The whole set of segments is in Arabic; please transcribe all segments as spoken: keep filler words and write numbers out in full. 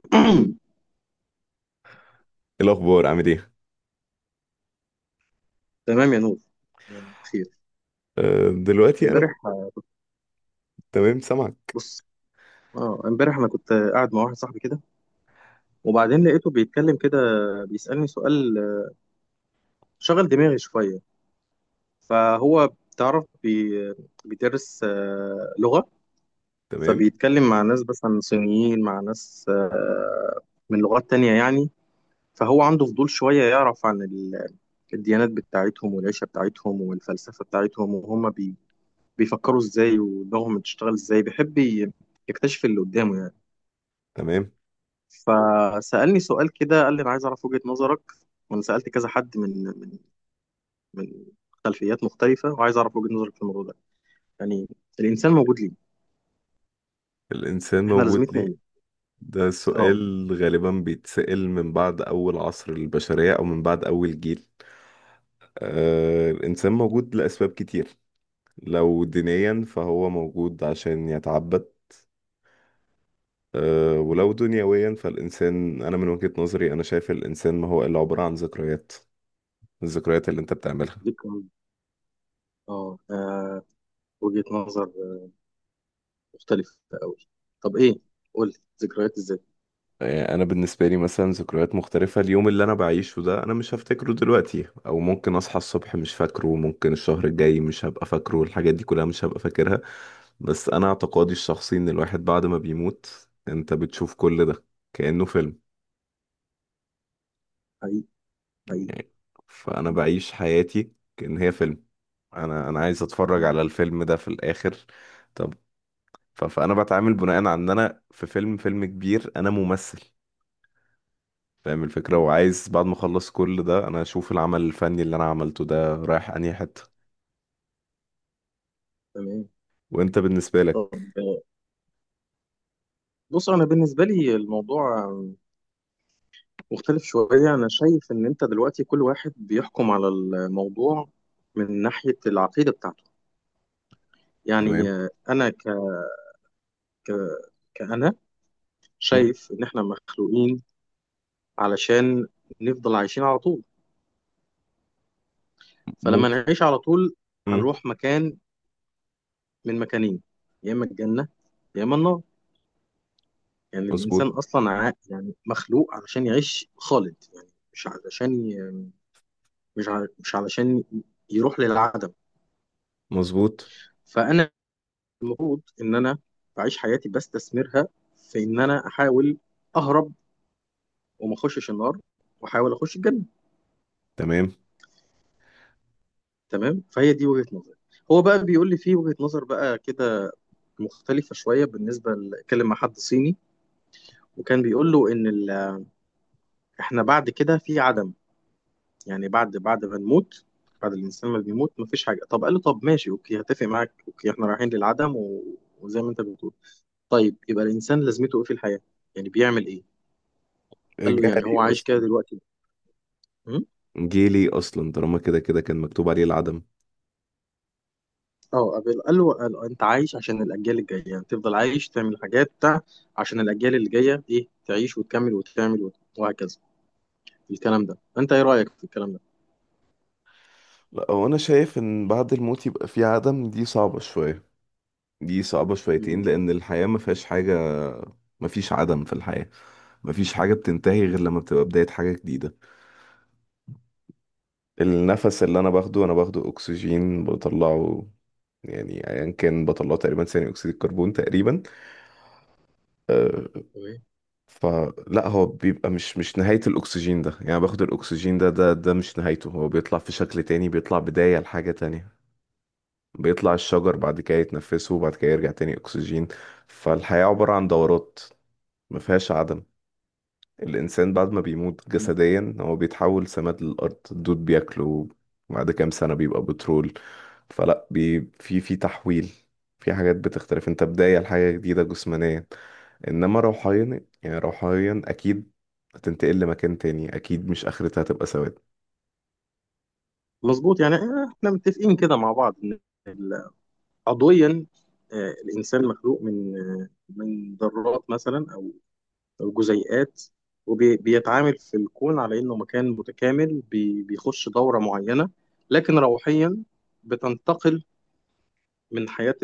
إيه الأخبار عامل إيه؟ تمام يا نور. خير. أه دلوقتي أنا امبارح كنت. تمام، سامعك. بص، اه، امبارح انا كنت قاعد مع واحد صاحبي كده. وبعدين لقيته بيتكلم كده، بيسألني سؤال، شغل دماغي شوية. فهو بتعرف، بي... بيدرس آه، لغة. تمام. فبيتكلم مع ناس مثلا صينيين، مع ناس آه، من لغات تانية يعني. فهو عنده فضول شوية يعرف عن ال... الديانات بتاعتهم والعيشة بتاعتهم والفلسفة بتاعتهم، وهم بي... بيفكروا ازاي، ودماغهم بتشتغل ازاي. بيحب ي- يكتشف اللي قدامه يعني. تمام. فسألني سؤال كده، قال لي: انا عايز اعرف وجهة نظرك، وانا سألت كذا حد من من من خلفيات مختلفة، وعايز اعرف وجهة نظرك في الموضوع ده. يعني الانسان موجود ليه؟ الإنسان احنا موجود لازمتنا ليه؟ ايه؟ ده اه، سؤال غالبا بيتسأل من بعد أول عصر البشرية أو من بعد أول جيل. أه الإنسان موجود لأسباب كتير. لو دينيا فهو موجود عشان يتعبد. أه ولو دنيويا، فالإنسان أنا من وجهة نظري أنا شايف الإنسان ما هو إلا عبارة عن ذكريات. الذكريات اللي أنت بتعملها. دي كمان. اه، آه، وجهة نظر آه، مختلفة قوي. طب ايه، قول لي: ذكريات ازاي؟ يعني انا بالنسبه لي مثلا ذكريات مختلفه، اليوم اللي انا بعيشه ده انا مش هفتكره دلوقتي، او ممكن اصحى الصبح مش فاكره، ممكن الشهر الجاي مش هبقى فاكره الحاجات دي كلها، مش هبقى فاكرها. بس انا اعتقادي الشخصي ان الواحد بعد ما بيموت انت بتشوف كل ده كأنه فيلم. حقيقي، حقيقي. يعني فانا م- بعيش حياتي كأن هي فيلم. انا انا عايز اتفرج م- على الفيلم ده في الاخر. طب. ف- فانا بتعامل بناء على ان انا في فيلم فيلم كبير، انا ممثل. فاهم الفكرة، م. وعايز بعد ما اخلص كل ده انا اشوف العمل الفني اللي انا عملته ده رايح انهي حتة. تمام. وانت بالنسبة طب، لك؟ آه، بص، انا بالنسبة لي الموضوع مختلف شوية. أنا شايف إن أنت دلوقتي كل واحد بيحكم على الموضوع من ناحية العقيدة بتاعته. يعني تمام. آه، أنا ك... ك... كأنا م- شايف إن إحنا مخلوقين علشان نفضل عايشين على طول. فلما ممكن. نعيش على طول م- هنروح مكان من مكانين: يا إما الجنة يا إما النار. يعني الإنسان مظبوط. أصلا ع... يعني مخلوق علشان يعيش خالد يعني. مش علشان ي... مش ع... مش علشان يروح للعدم. مظبوط. فأنا المفروض ان انا بعيش حياتي بستثمرها في ان انا احاول اهرب وما اخشش النار، واحاول اخش الجنه. تمام. تمام، فهي دي وجهه نظري. هو بقى بيقول لي في وجهه نظر بقى كده مختلفه شويه، بالنسبه ل- اتكلم مع حد صيني وكان بيقول له ان ال... احنا بعد كده في عدم. يعني بعد بعد ما نموت، بعد الانسان ما بيموت مفيش حاجه. طب قال له: طب ماشي، اوكي، هتفق معاك، اوكي احنا رايحين للعدم و... وزي ما انت بتقول. طيب يبقى الانسان لازمته ايه في الحياه؟ يعني بيعمل ايه؟ قال له: يعني هو جهلي عايش كده اصلا دلوقتي؟ م? جيلي اصلا طالما كده كده كان مكتوب عليه العدم. اه، قبل قال له قال له انت عايش عشان الاجيال الجايه، يعني تفضل عايش، تعمل حاجات بتاع عشان الاجيال اللي جايه ايه تعيش وتكمل وتعمل وت- وهكذا. الكلام ده، انت ايه رايك في الكلام ده؟ لا، هو انا شايف ان بعد الموت يبقى في عدم دي صعبة شوية. دي صعبة شويتين، مم. لان الحياة ما فيهاش حاجة. ما فيش عدم في الحياة. ما فيش حاجة بتنتهي غير لما بتبقى بداية حاجة جديدة. النفس اللي انا باخده انا باخده اكسجين بطلعه، يعني ايا كان بطلعه تقريبا ثاني اكسيد الكربون تقريبا. آه، تمام. فلا هو بيبقى مش مش نهاية الاكسجين ده، يعني باخد الاكسجين ده ده ده مش نهايته، هو بيطلع في شكل تاني، بيطلع بداية لحاجة تانية. بيطلع الشجر بعد كده يتنفسه وبعد كده يرجع تاني اكسجين. فالحياة عبارة عن دورات، ما فيهاش عدم. الإنسان بعد ما بيموت مم. جسديا هو بيتحول سماد للأرض، الدود بياكله، بعد كام سنة بيبقى بترول. فلا بي في في تحويل. في حاجات بتختلف، انت بداية لحاجة جديدة جسمانيا. انما روحيا، يعني روحيا اكيد هتنتقل لمكان تاني، اكيد مش اخرتها هتبقى سواد. مظبوط. يعني آه، احنا متفقين كده مع بعض ان ال- عضويا آه، الانسان مخلوق من آه، من ذرات مثلا او او جزيئات. وبيتعامل في الكون على انه مكان متكامل، بي- بيخش دوره معينه. لكن روحيا بتنتقل من حياه،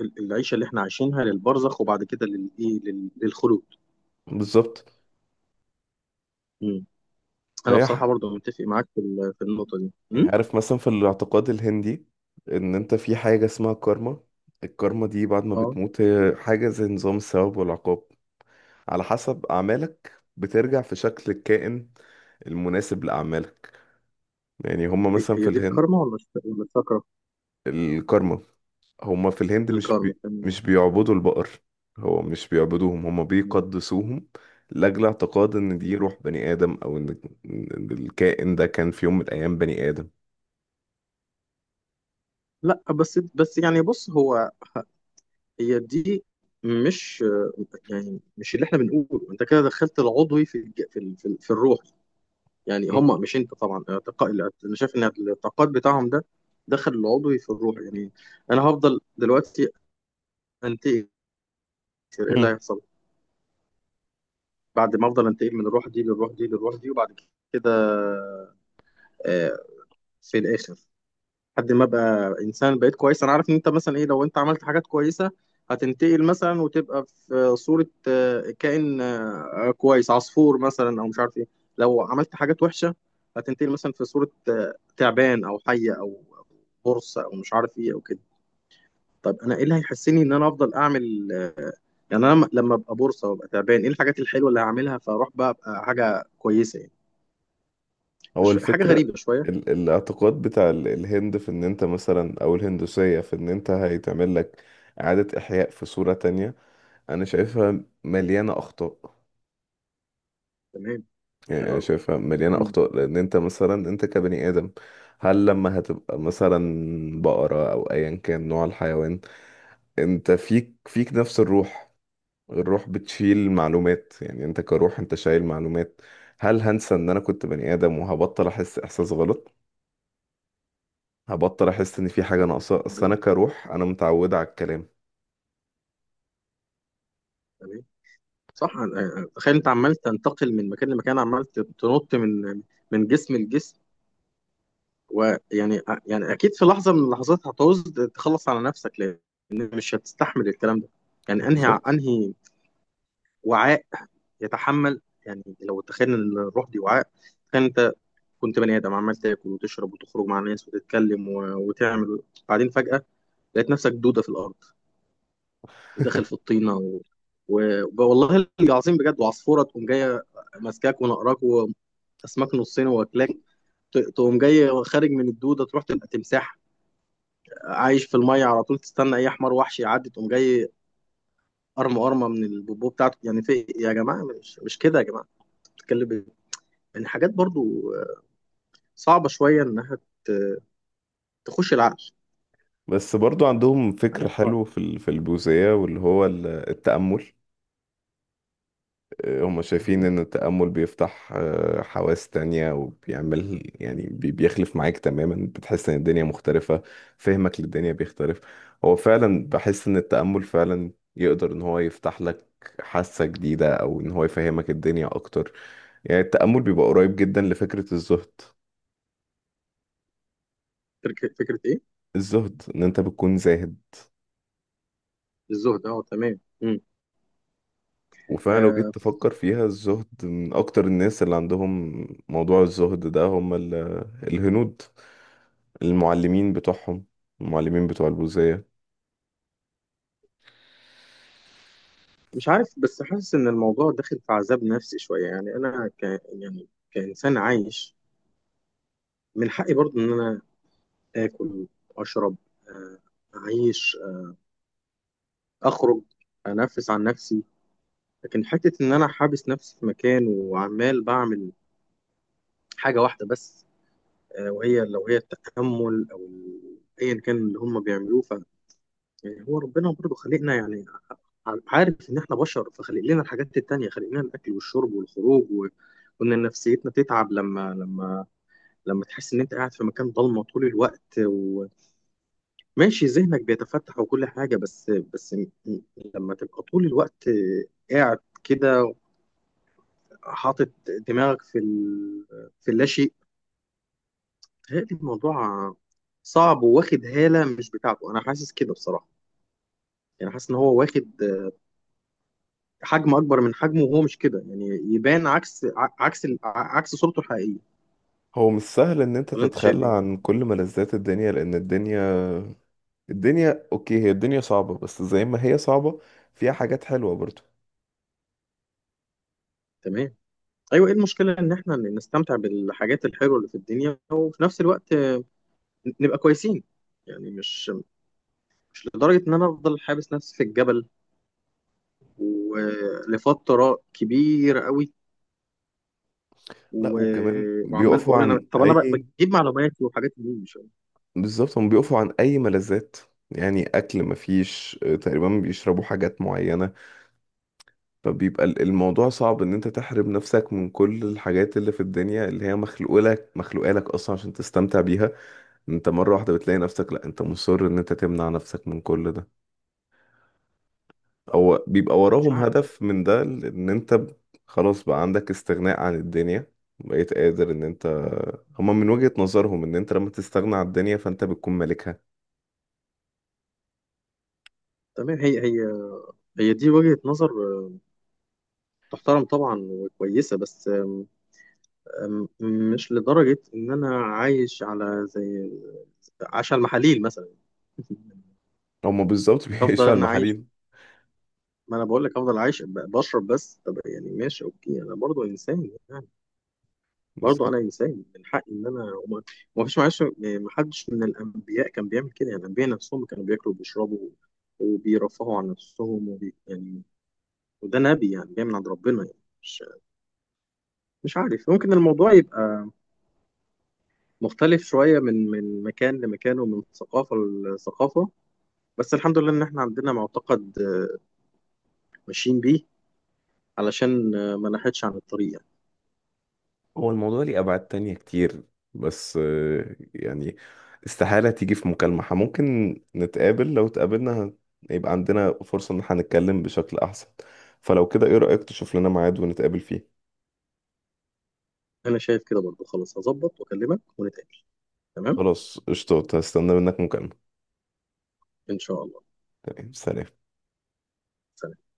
ال- العيشه اللي احنا عايشينها للبرزخ، وبعد كده للايه، لل- للخلود. بالظبط. مم. انا فهي بصراحه ح- برضو متفق معاك في ال- في النقطه دي. يعني مم؟ عارف مثلا في الاعتقاد الهندي ان انت في حاجة اسمها كارما. الكارما دي بعد ما اه، بتموت هي حاجة زي نظام الثواب والعقاب. على حسب أعمالك بترجع في شكل الكائن المناسب لأعمالك. يعني هما هي مثلا هي في دي الهند. الكارما ولا الش- ولا الشاكرا؟ الكارما. هما في الهند مش الكارما، بي... تمام. مش بيعبدوا البقر. هو مش بيعبدوهم، هما مم. بيقدسوهم. لأجل اعتقاد إن مم. دي روح بني آدم، أو إن إن الكائن ده كان في يوم من الأيام بني آدم. لا بس بس يعني. بص هو، هي دي، مش يعني، مش اللي احنا بنقوله. انت كده دخلت العضوي في الج- في ال- في, ال- في الروح. يعني هم، مش انت طبعا اعتقاد. انا شايف ان الاعتقاد بتاعهم ده دخل العضوي في الروح يعني. انا هفضل دلوقتي انتقد، ايه اللي مم. هيحصل بعد ما افضل انتقل من الروح دي للروح دي للروح دي، وبعد كده آه، في الاخر، لحد ما ابقى انسان بقيت كويس. انا عارف ان انت مثلا ايه، لو انت عملت حاجات كويسه هتنتقل مثلا وتبقى في صوره آه، كائن آه، كويس، عصفور مثلا او مش عارف ايه. لو عملت حاجات وحشه هتنتقل مثلا في صوره آه، تعبان او حيه او برصه او مش عارف ايه او كده. طب انا ايه اللي هيحسني ان انا افضل اعمل آه، يعني انا لما لما ابقى بورصه وابقى تعبان، ايه الحاجات الحلوه اللي هعملها فاروح بقى ابقى حاجه كويسه يعني؟ هو مش حاجه الفكرة. غريبه شويه؟ ال... الاعتقاد بتاع ال- الهند في إن أنت مثلا، أو الهندوسية، في إن أنت هيتعمل لك إعادة إحياء في صورة تانية. انا شايفها مليانه اخطاء. تمام. يعني حلو انا قوي. شايفها مليانه مم. اخطاء، لان انت مثلا انت كبني ادم، هل لما هتبقى مثلا بقره او ايا كان نوع الحيوان، انت فيك فيك نفس الروح. الروح بتشيل معلومات، يعني انت كروح انت شايل معلومات. هل هنسى ان انا كنت بني ادم وهبطل احس احساس غلط؟ هبطل احس ان في حاجه آه، ناقصه، اصل انا تمام. كروح انا متعوده على الكلام. تمام. صح. أنا- أنا- تخيل انت عمال تنتقل من مكان لمكان، عمال تنط من من جسم لجسم. ويعني آه، يعني اكيد في لحظه من اللحظات هتعوز تخلص على نفسك، لان مش هتستحمل الكلام ده. يعني انهي بالظبط. انهي وعاء يتحمل؟ يعني لو تخيل ان الروح دي وعاء، كانت كنت بني ادم عمال تاكل وتشرب وتخرج مع ناس وتتكلم و... وتعمل. بعدين فجاه لقيت نفسك دوده في الارض، وداخل في الطينه و... و... والله العظيم بجد، وعصفوره تقوم جايه ماسكاك ونقراك واسماك نصين واكلاك. ت- تقوم جاي خارج من الدوده تروح تبقى تمساح عايش في الميه على طول، تستنى اي حمار وحش يعدي، تقوم جاي قرمه قرمه من البوبو بتاعته. يعني في إيه يا جماعه؟ مش مش كده يا جماعه، بتتكلم إيه؟ يعني حاجات برضو صعبه شويه انها ت- تخش العقل. بس برضو عندهم فكر حاجات حلو صعبه. في ال- في البوذية، واللي هو ال- التأمل. هم شايفين ان التأمل بيفتح آه، حواس تانية، وبيعمل يعني بي- بيخلف معاك تماما، بتحس ان الدنيا مختلفة، فهمك للدنيا بيختلف. هو فعلا بحس ان التأمل فعلا يقدر ان هو يفتح لك حاسة جديدة، او ان هو يفهمك الدنيا اكتر. يعني التأمل بيبقى قريب جدا لفكرة الزهد. فكرة فكرة إيه؟ الزهد ان انت بتكون زاهد. الزهد، أه تمام. مم. وفعلا لو آه، جيت تفكر فيها، الزهد، من اكتر الناس اللي عندهم موضوع الزهد ده هم ال- الهنود، المعلمين بتوعهم، المعلمين بتوع البوذية. مش عارف بس حاسس إن الموضوع داخل في عذاب نفسي شوية. يعني أنا ك يعني كإنسان عايش، من حقي برضه إن أنا آكل، أشرب، آه أعيش، آه أخرج، أنفس عن نفسي. لكن حتة إن أنا حابس نفسي في مكان وعمال بعمل حاجة واحدة بس، آه وهي لو هي التأمل أو ال- أيا كان اللي هم بيعملوه. يعني هو ربنا برضه خلقنا يعني. ع- عارف ان احنا بشر، فخلق لنا الحاجات التانية، خلق لنا الاكل والشرب والخروج و... وان نفسيتنا تتعب لما لما لما تحس ان انت قاعد في مكان ضلمه طول الوقت، وماشي ذهنك بيتفتح وكل حاجه. بس بس م- م- لما تبقى طول الوقت قاعد كده حاطط دماغك في ال... في اللاشيء. بيتهيألي الموضوع صعب وواخد هاله مش بتاعته. انا حاسس كده بصراحه. يعني حاسس ان هو واخد حجم اكبر من حجمه وهو مش كده يعني. يبان عكس، ع- عكس ال- ع- عكس صورته الحقيقيه. هو مش سهل ان انت ولا انت شايف تتخلى ايه؟ عن كل ملذات الدنيا، لان الدنيا الدنيا اوكي هي الدنيا صعبة، بس زي ما هي صعبة فيها حاجات حلوة برضو. تمام. ايوه، ايه المشكله ان احنا نستمتع بالحاجات الحلوه اللي في الدنيا وفي نفس الوقت نبقى كويسين؟ يعني مش مش لدرجه ان انا افضل حابس نفسي في الجبل ولفتره كبيره قوي، لا، وكمان و- وعمال بيقفوا بقول: انا عن طب انا ب- اي. بجيب معلومات وحاجات منين؟ مش بالظبط، هم بيقفوا عن اي ملذات. يعني اكل مفيش، آه، تقريبا بيشربوا حاجات معينة. فبيبقى ال- الموضوع صعب، ان انت تحرم نفسك من كل الحاجات اللي في الدنيا اللي هي مخلوقة لك، مخلوقة لك اصلا عشان تستمتع بيها. انت مرة واحدة بتلاقي نفسك، لا انت مصر ان انت تمنع نفسك من كل ده، او بيبقى مش وراهم عارف. هدف من ده ان انت ب- خلاص بقى عندك استغناء عن الدنيا. بقيت قادر ان انت، هما من تمام. وجهة نظرهم ان انت لما تستغنى عن الدنيا فانت بتكون مالكها. تمام. هي هي هي دي وجهة نظر آه، تحترم طبعا وكويسة، بس آه، أم- مش لدرجة إن أنا عايش على زي عايش على المحاليل مثلا. هما بالظبط أفضل بيعيشوا على أنا عايش. المحاليل. ما أنا بقول لك: أفضل عايش ب- بشرب بس. طب يعني ماشي أوكي، أنا برضو إنسان يعني، برضو أنا إنسان من حقي إن أنا، وما وما فيش معلش ما حدش من الأنبياء كان بيعمل كده يعني. الأنبياء نفسهم كانوا بياكلوا وبيشربوا وبيرفهوا عن نفسهم وبي يعني. وده نبي يعني جاي من عند ربنا يعني. مش مش عارف، ممكن الموضوع يبقى مختلف شوية من من مكان لمكان ومن ثقافة لثقافة. بس الحمد لله ان احنا عندنا معتقد آه، ماشيين بيه علشان آه، ما نحيدش عن الطريق يعني. هو الموضوع ليه أبعاد تانية كتير، بس آه، يعني استحالة تيجي في مكالمة. ح- ممكن نتقابل، لو اتقابلنا هت- يبقى عندنا فرصة إن احنا نتكلم بشكل أحسن. فلو كده إيه رأيك تشوف لنا ميعاد ونتقابل فيه؟ انا شايف كده برضو، خلاص هظبط واكلمك ونتقابل. تمام، خلاص قشطة، هستنى منك مكالمة. ان شاء الله. تمام، سلام. سلام.